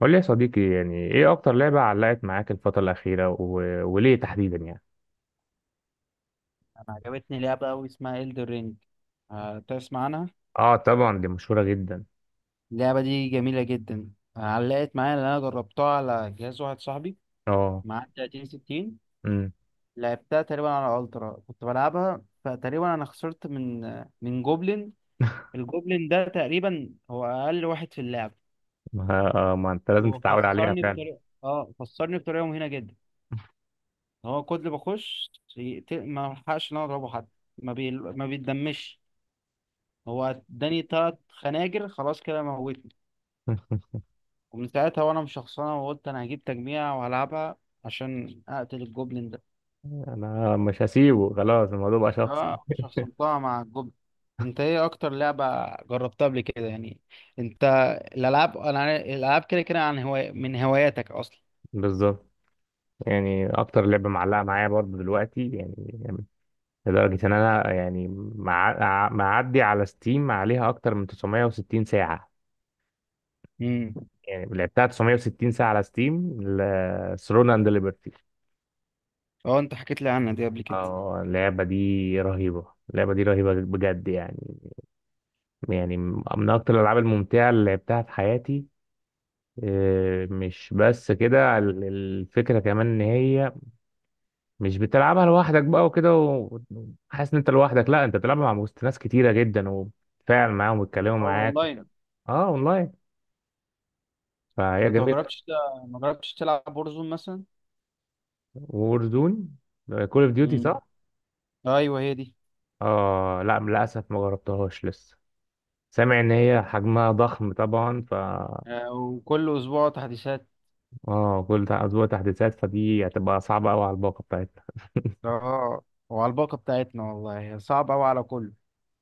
قول لي يا صديقي، يعني ايه اكتر لعبة علقت معاك الفترة الأخيرة وليه تحديدا يعني؟ انا عجبتني لعبة أوي اسمها إلدر رينج. تسمع عنها؟ اه، طبعا دي مشهورة جدا. اللعبة دي جميلة جدا. علقت معايا لأن أنا جربتها على جهاز واحد صاحبي اه. معاه 30 60. امم. لعبتها تقريبا على ألترا كنت بلعبها فتقريبا أنا خسرت من جوبلين. الجوبلين ده تقريبا هو أقل واحد في اللعبة. ما انت لازم هو تتعود عليها فعلا. خسرني بطريقة مهينة جدا. هو كل ما بخش ما بلحقش إن أنا أضربه حتى. ما بيتدمش. هو اداني تلات خناجر خلاص كده موت. ومن ساعتها وانا مشخصنها وقلت انا هجيب تجميع وهلعبها عشان اقتل الجوبلين ده. انا مش هسيبه، خلاص الموضوع بقى شخصي. اه، شخصنتها مع الجوبلين. انت ايه اكتر لعبة جربتها قبل كده يعني؟ انت؟ الالعاب كده كده عن هواية من هواياتك اصلا. بالظبط، يعني اكتر لعبة معلقة معايا برضه دلوقتي يعني، لدرجة ان انا يعني معدي على ستيم عليها اكتر من 960 ساعة. امم. يعني لعبتها 960 ساعة على ستيم ثرون اند ليبرتي. اه، انت حكيت لي عنها دي قبل كده. اه، اللعبة دي رهيبة. اللعبة دي رهيبة بجد يعني، يعني من أكتر الألعاب الممتعة اللي لعبتها في حياتي. مش بس كده، الفكرة كمان إن هي مش بتلعبها لوحدك بقى وكده، وحاسس إن أنت لوحدك. لا، أنت بتلعبها مع وسط ناس كتيرة جدا، وبتتفاعل معاهم ويتكلموا اه، معاك. اونلاين. اه، أونلاين. طب فهي انت جميلة. ما جربتش تلعب بورزون مثلا؟ وورزون، كول أوف ديوتي امم. صح؟ ايوه هي دي. اه لا، للأسف ما جربتهاش لسه. سامع إن هي حجمها ضخم طبعا. وكل اسبوع تحديثات. اه، كل اسبوع تحديثات، فدي هتبقى صعبه قوي على الباقه بتاعتنا. اه، وعلى الباقة بتاعتنا والله صعب قوي على كله.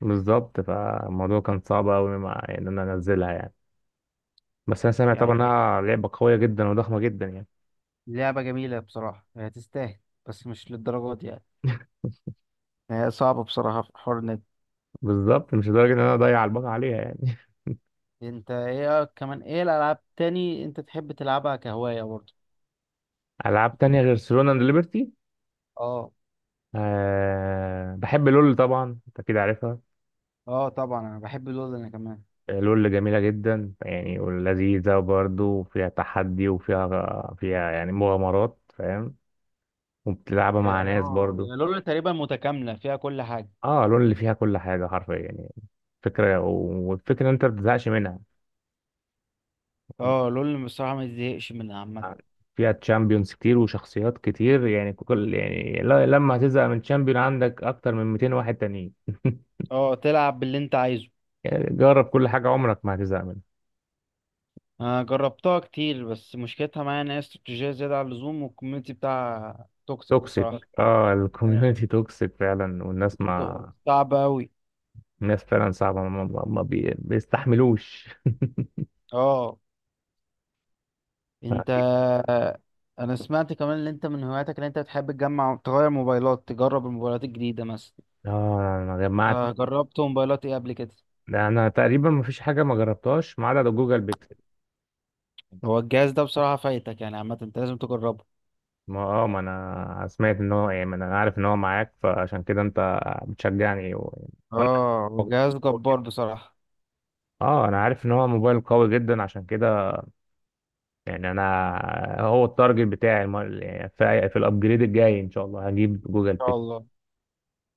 بالظبط، فالموضوع كان صعب قوي ان انا انزلها يعني. بس انا سامع طبعا يعني انها لعبه قويه جدا وضخمه جدا يعني. لعبة جميلة بصراحة هي تستاهل. بس مش للدرجة دي يعني. هي صعبة بصراحة في حوار النت. بالظبط، مش لدرجه ان انا اضيع الباقه عليها يعني. انت ايه كمان ايه الألعاب تاني انت تحب تلعبها كهواية برضه؟ العاب تانية غير سولونا اند ليبرتي؟ اه. أه، بحب لول طبعا، انت كده عارفها. اه، طبعا انا بحب لول انا كمان. لول جميله جدا يعني، ولذيذه برضه، وفيها تحدي، وفيها يعني مغامرات، فاهم؟ وبتلعبها مع هي ناس اه برضه. هي لول تقريبا متكاملة فيها كل حاجة. اه، لول اللي فيها كل حاجه حرفيا يعني، فكرة. والفكرة إن أنت ما بتزهقش منها. اه، لول بصراحة ما تزهقش منها عامة. فيها تشامبيونز كتير وشخصيات كتير، يعني يعني لما هتزهق من تشامبيون، عندك أكتر من 200 واحد تانيين. اه، تلعب باللي انت عايزه. يعني جرب كل حاجة، عمرك ما هتزهق منها. انا جربتها كتير بس مشكلتها معايا ان هي استراتيجية زيادة عن اللزوم والكوميونتي بتاعها توكسيك توكسيك. بصراحة. اه، اه، الكوميونتي توكسيك فعلا، والناس ما. صعب أوي. الناس فعلا صعبة، ما, ما ما بي... بيستحملوش. اه، انت. ف- انا سمعت كمان ان انت من هواياتك ان انت بتحب تجمع تغير موبايلات تجرب الموبايلات الجديده مثلا. اه، أنا جمعت. جربت موبايلات ايه قبل كده؟ أنا تقريبا ما فيش حاجة ما جربتهاش ما عدا جوجل بيكسل. هو الجهاز ده بصراحه فايتك يعني عامه انت لازم تجربه. ما انا سمعت ان هو يعني، ما انا عارف ان هو معاك، فعشان كده انت بتشجعني وانا. اه، هو جهاز جبار بصراحه. اه، انا عارف ان هو موبايل قوي جدا، عشان كده يعني انا، هو التارجت بتاعي يعني في الابجريد الجاي ان شاء الله هجيب جوجل ان شاء بيك. الله. ان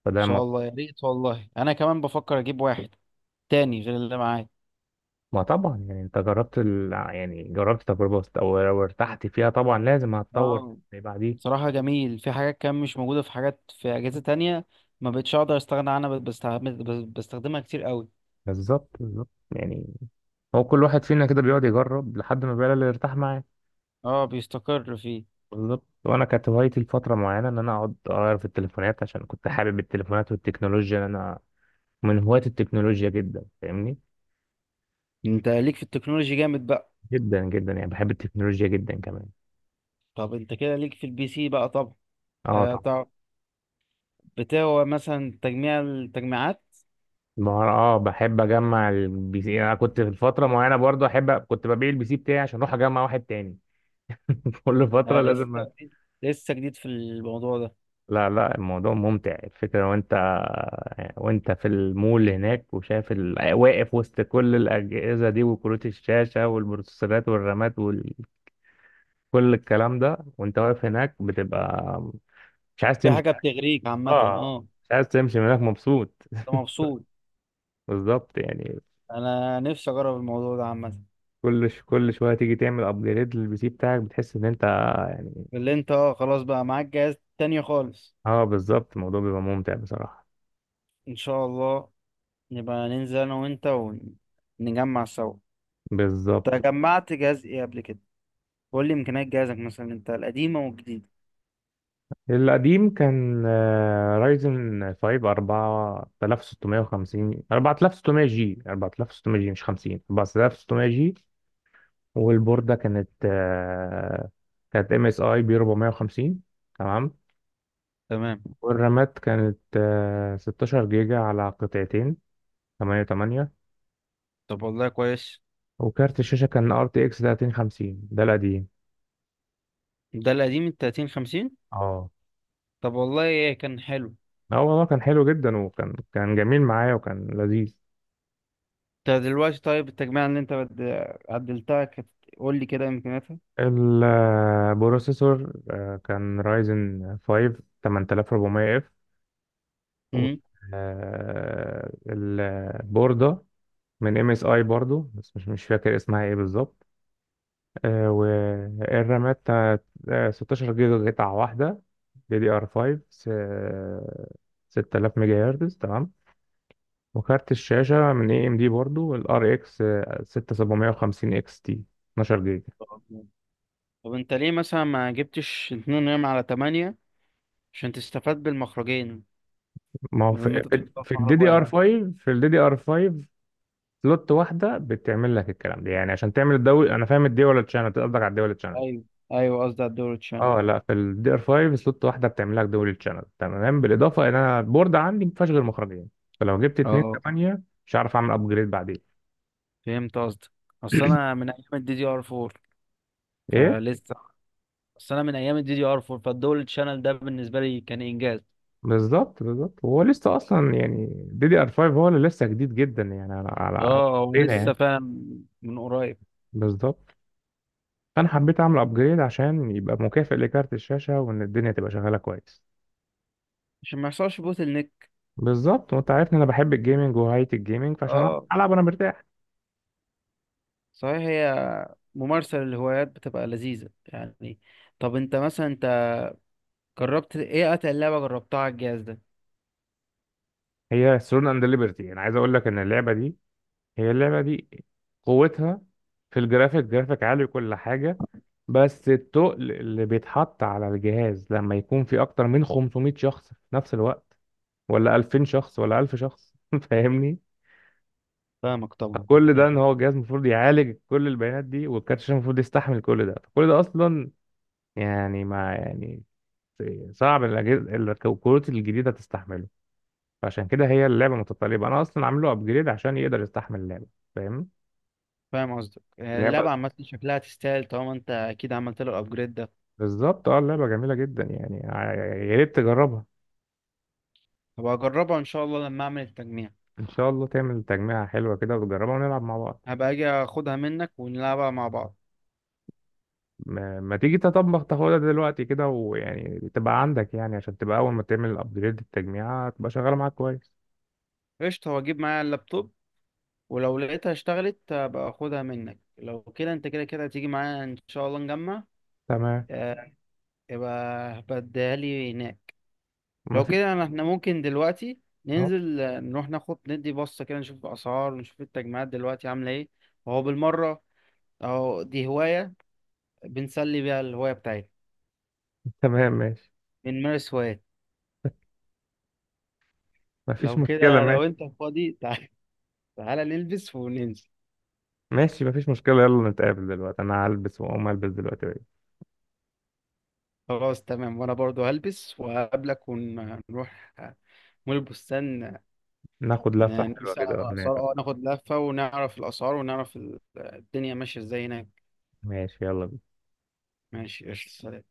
فده شاء ما, الله يا ريت والله انا كمان بفكر اجيب واحد تاني غير اللي معايا. ما طبعا يعني، انت جربت يعني جربت تجربة او لو ارتحت فيها، طبعا لازم هتطور اه، اللي بعديه. بصراحه جميل في حاجات كان مش موجوده في حاجات في اجهزه تانية. ما بقتش اقدر استغنى عنها بقيت بستخدمها كتير قوي. بالظبط بالظبط يعني، هو كل واحد فينا كده بيقعد يجرب لحد ما بيلاقي اللي يرتاح معاه. اه، بيستقر فيه. بالظبط، وانا كانت هوايتي لفتره معينه ان انا اقعد اغير في التليفونات، عشان كنت حابب التليفونات والتكنولوجيا، إن انا من هواة التكنولوجيا جدا فاهمني، انت ليك في التكنولوجي جامد بقى. جدا جدا يعني، بحب التكنولوجيا جدا كمان. طب انت كده ليك في البي سي بقى طب. اه طبعا. هتع- بتاع مثلا تجميع التجميعات. اه، بحب اجمع البي سي. انا كنت في فتره معينه برضو احب، كنت ببيع البي سي بتاعي عشان اروح اجمع واحد تاني. كل فتره انا لازم لسه جديد لسه جديد في الموضوع ده. لا لا، الموضوع ممتع الفكره. وانت، وانت في المول هناك وشايف واقف وسط كل الاجهزه دي، وكروت الشاشه والبروسيسورات والرامات، كل الكلام ده، وانت واقف هناك بتبقى مش عايز في تمشي. حاجه بتغريك عامه اه، اه. مش عايز تمشي من هناك، مبسوط. انت مبسوط. بالظبط يعني. انا نفسي اجرب الموضوع ده عامه. كل شويه تيجي تعمل ابجريد للبي سي بتاعك، بتحس ان انت يعني. اللي انت اه خلاص بقى معاك جهاز تاني خالص. اه، بالظبط، الموضوع بيبقى ممتع بصراحه. ان شاء الله نبقى ننزل انا وانت ونجمع سوا. انت بالظبط. جمعت جهاز ايه قبل كده؟ قول لي امكانيات جهازك مثلا انت القديمه والجديده. القديم كان رايزن 5 4650، 4600 جي، 4600 جي مش 50، 4600 جي. والبورده كانت كانت ام اس اي بي 450، تمام. تمام. والرامات كانت 16 جيجا على قطعتين، 8 8. طب والله كويس. وكارت الشاشة كان ار تي اكس 3050، ده القديم. ده القديم ال 30 50. اه طب والله كان حلو. اه، والله كان حلو جدا، وكان جميل معايا وكان لذيذ. انت دلوقتي طيب التجميع اللي انت عدلتها كانت. قول لي كده امكانياتها. البروسيسور كان رايزن 5 8400 اف. امم. والبوردة من ام اس اي برضو، بس مش فاكر اسمها ايه بالظبط. والرامات بتاعت، 16 جيجا قطعة واحدة، دي دي ار 5، 6000 ميجا هرتز، تمام. وكارت الشاشة من اي ام دي برضو، الار اكس 6750 اكس تي، 12 جيجا. طب طب انت ليه مثلا ما جبتش 2 على 8 عشان تستفاد بالمخرجين ما هو بدل ما في، انت تحطها في في الدي مخرج دي ار واحد؟ 5، في الدي دي ار 5 سلوت واحدة بتعمل لك الكلام ده. يعني عشان تعمل الدول، انا فاهم الدول تشانل قصدك، على الدول. ايوه. ايوه قصدي على الدور تشان. اه لا، في الدي ار 5 سلوت واحده بتعمل لك دول تشانل، تمام. بالاضافه ان انا البورد عندي ما فيهاش غير مخرجين، فلو جبت 2 اه، 8 مش هعرف اعمل ابجريد بعدين. فهمت قصدك. اصل انا من ايام الدي دي ار 4 ايه؟ فلسه. اصل انا من ايام الدي دي ار 4 فالدول تشانل ده بالنسبه لي كان انجاز. بالظبط بالظبط، هو لسه اصلا يعني، دي دي ار 5 هو اللي لسه جديد جدا يعني على اه، بينا ولسه يعني. فاهم من قريب. بالظبط. فانا حبيت اعمل ابجريد عشان يبقى مكافئ لكارت الشاشه، وان الدنيا تبقى شغاله كويس. عشان ما يحصلش بوتل نيك. بالظبط، وانت عارف ان انا بحب الجيمنج وهاية الجيمنج، فعشان اه، العب انا مرتاح. صحيح هي ممارسة للهوايات بتبقى لذيذة يعني. طب انت مثلا جربت ايه اتقل لعبة جربتها على الجهاز ده؟ هي ثرون اند ليبرتي، انا عايز اقول لك ان اللعبه دي، هي اللعبة دي، قوتها في الجرافيك، جرافيك عالي وكل حاجة. بس التقل اللي بيتحط على الجهاز لما يكون في أكتر من 500 شخص في نفس الوقت، ولا 2000 شخص، ولا 1000 شخص، فاهمني؟ فاهمك طبعا. كل ده ان يعني هو جهاز المفروض يعالج كل البيانات دي، والكارت الشاشة المفروض يستحمل كل ده، فكل ده أصلا يعني ما يعني صعب الأجهزة الكروت الجديدة تستحمله. فعشان كده هي اللعبة متطلبة، أنا أصلا عامله أبجريد عشان يقدر يستحمل اللعبة. فاهم؟ فاهم قصدك يعني اللعبة لعبه، عامة شكلها تستاهل طالما انت اكيد عملت له الابجريد ده. بالظبط. اه، اللعبة جميلة جدا يعني، يا ريت تجربها. هبقى اجربها ان شاء الله لما اعمل التجميع. ان شاء الله تعمل تجميعة حلوة كده وتجربها، ونلعب مع بعض. هبقى اجي اخدها منك ونلعبها مع بعض. ما تيجي تطبخ تاخدها دلوقتي كده، ويعني تبقى عندك، يعني عشان تبقى اول ما تعمل الابجريد، التجميعة تبقى شغالة معاك كويس. قشطة واجيب معايا اللابتوب. ولو لقيتها اشتغلت هبقى اخدها منك لو كده انت كده كده هتيجي معايا ان شاء الله نجمع. تمام. اه، يبقى هبقى اديها لي هناك. ما لو فيش. كده احنا ممكن دلوقتي اهو. ننزل. نروح ناخد ندي بصة كده نشوف الأسعار ونشوف التجمعات دلوقتي عاملة ايه وهو بالمرة. أهو دي هواية بنسلي بيها الهواية بتاعتنا. تمام ماشي. بنمارس هوايات. ما فيش لو مشكلة، كده لو ماشي. انت فاضي تعال. تعالى نلبس وننزل. ماشي، ما فيش مشكلة، يلا نتقابل دلوقتي، انا هلبس واقوم البس دلوقتي. خلاص تمام وانا برضو هلبس وهقابلك ونروح مول البستان. ناخد لفة حلوة نسأل على كده الأسعار هناك. اه ناخد لفة ونعرف الأسعار ونعرف الدنيا ماشية ازاي هناك. ماشي يلا. ماشي قشطة.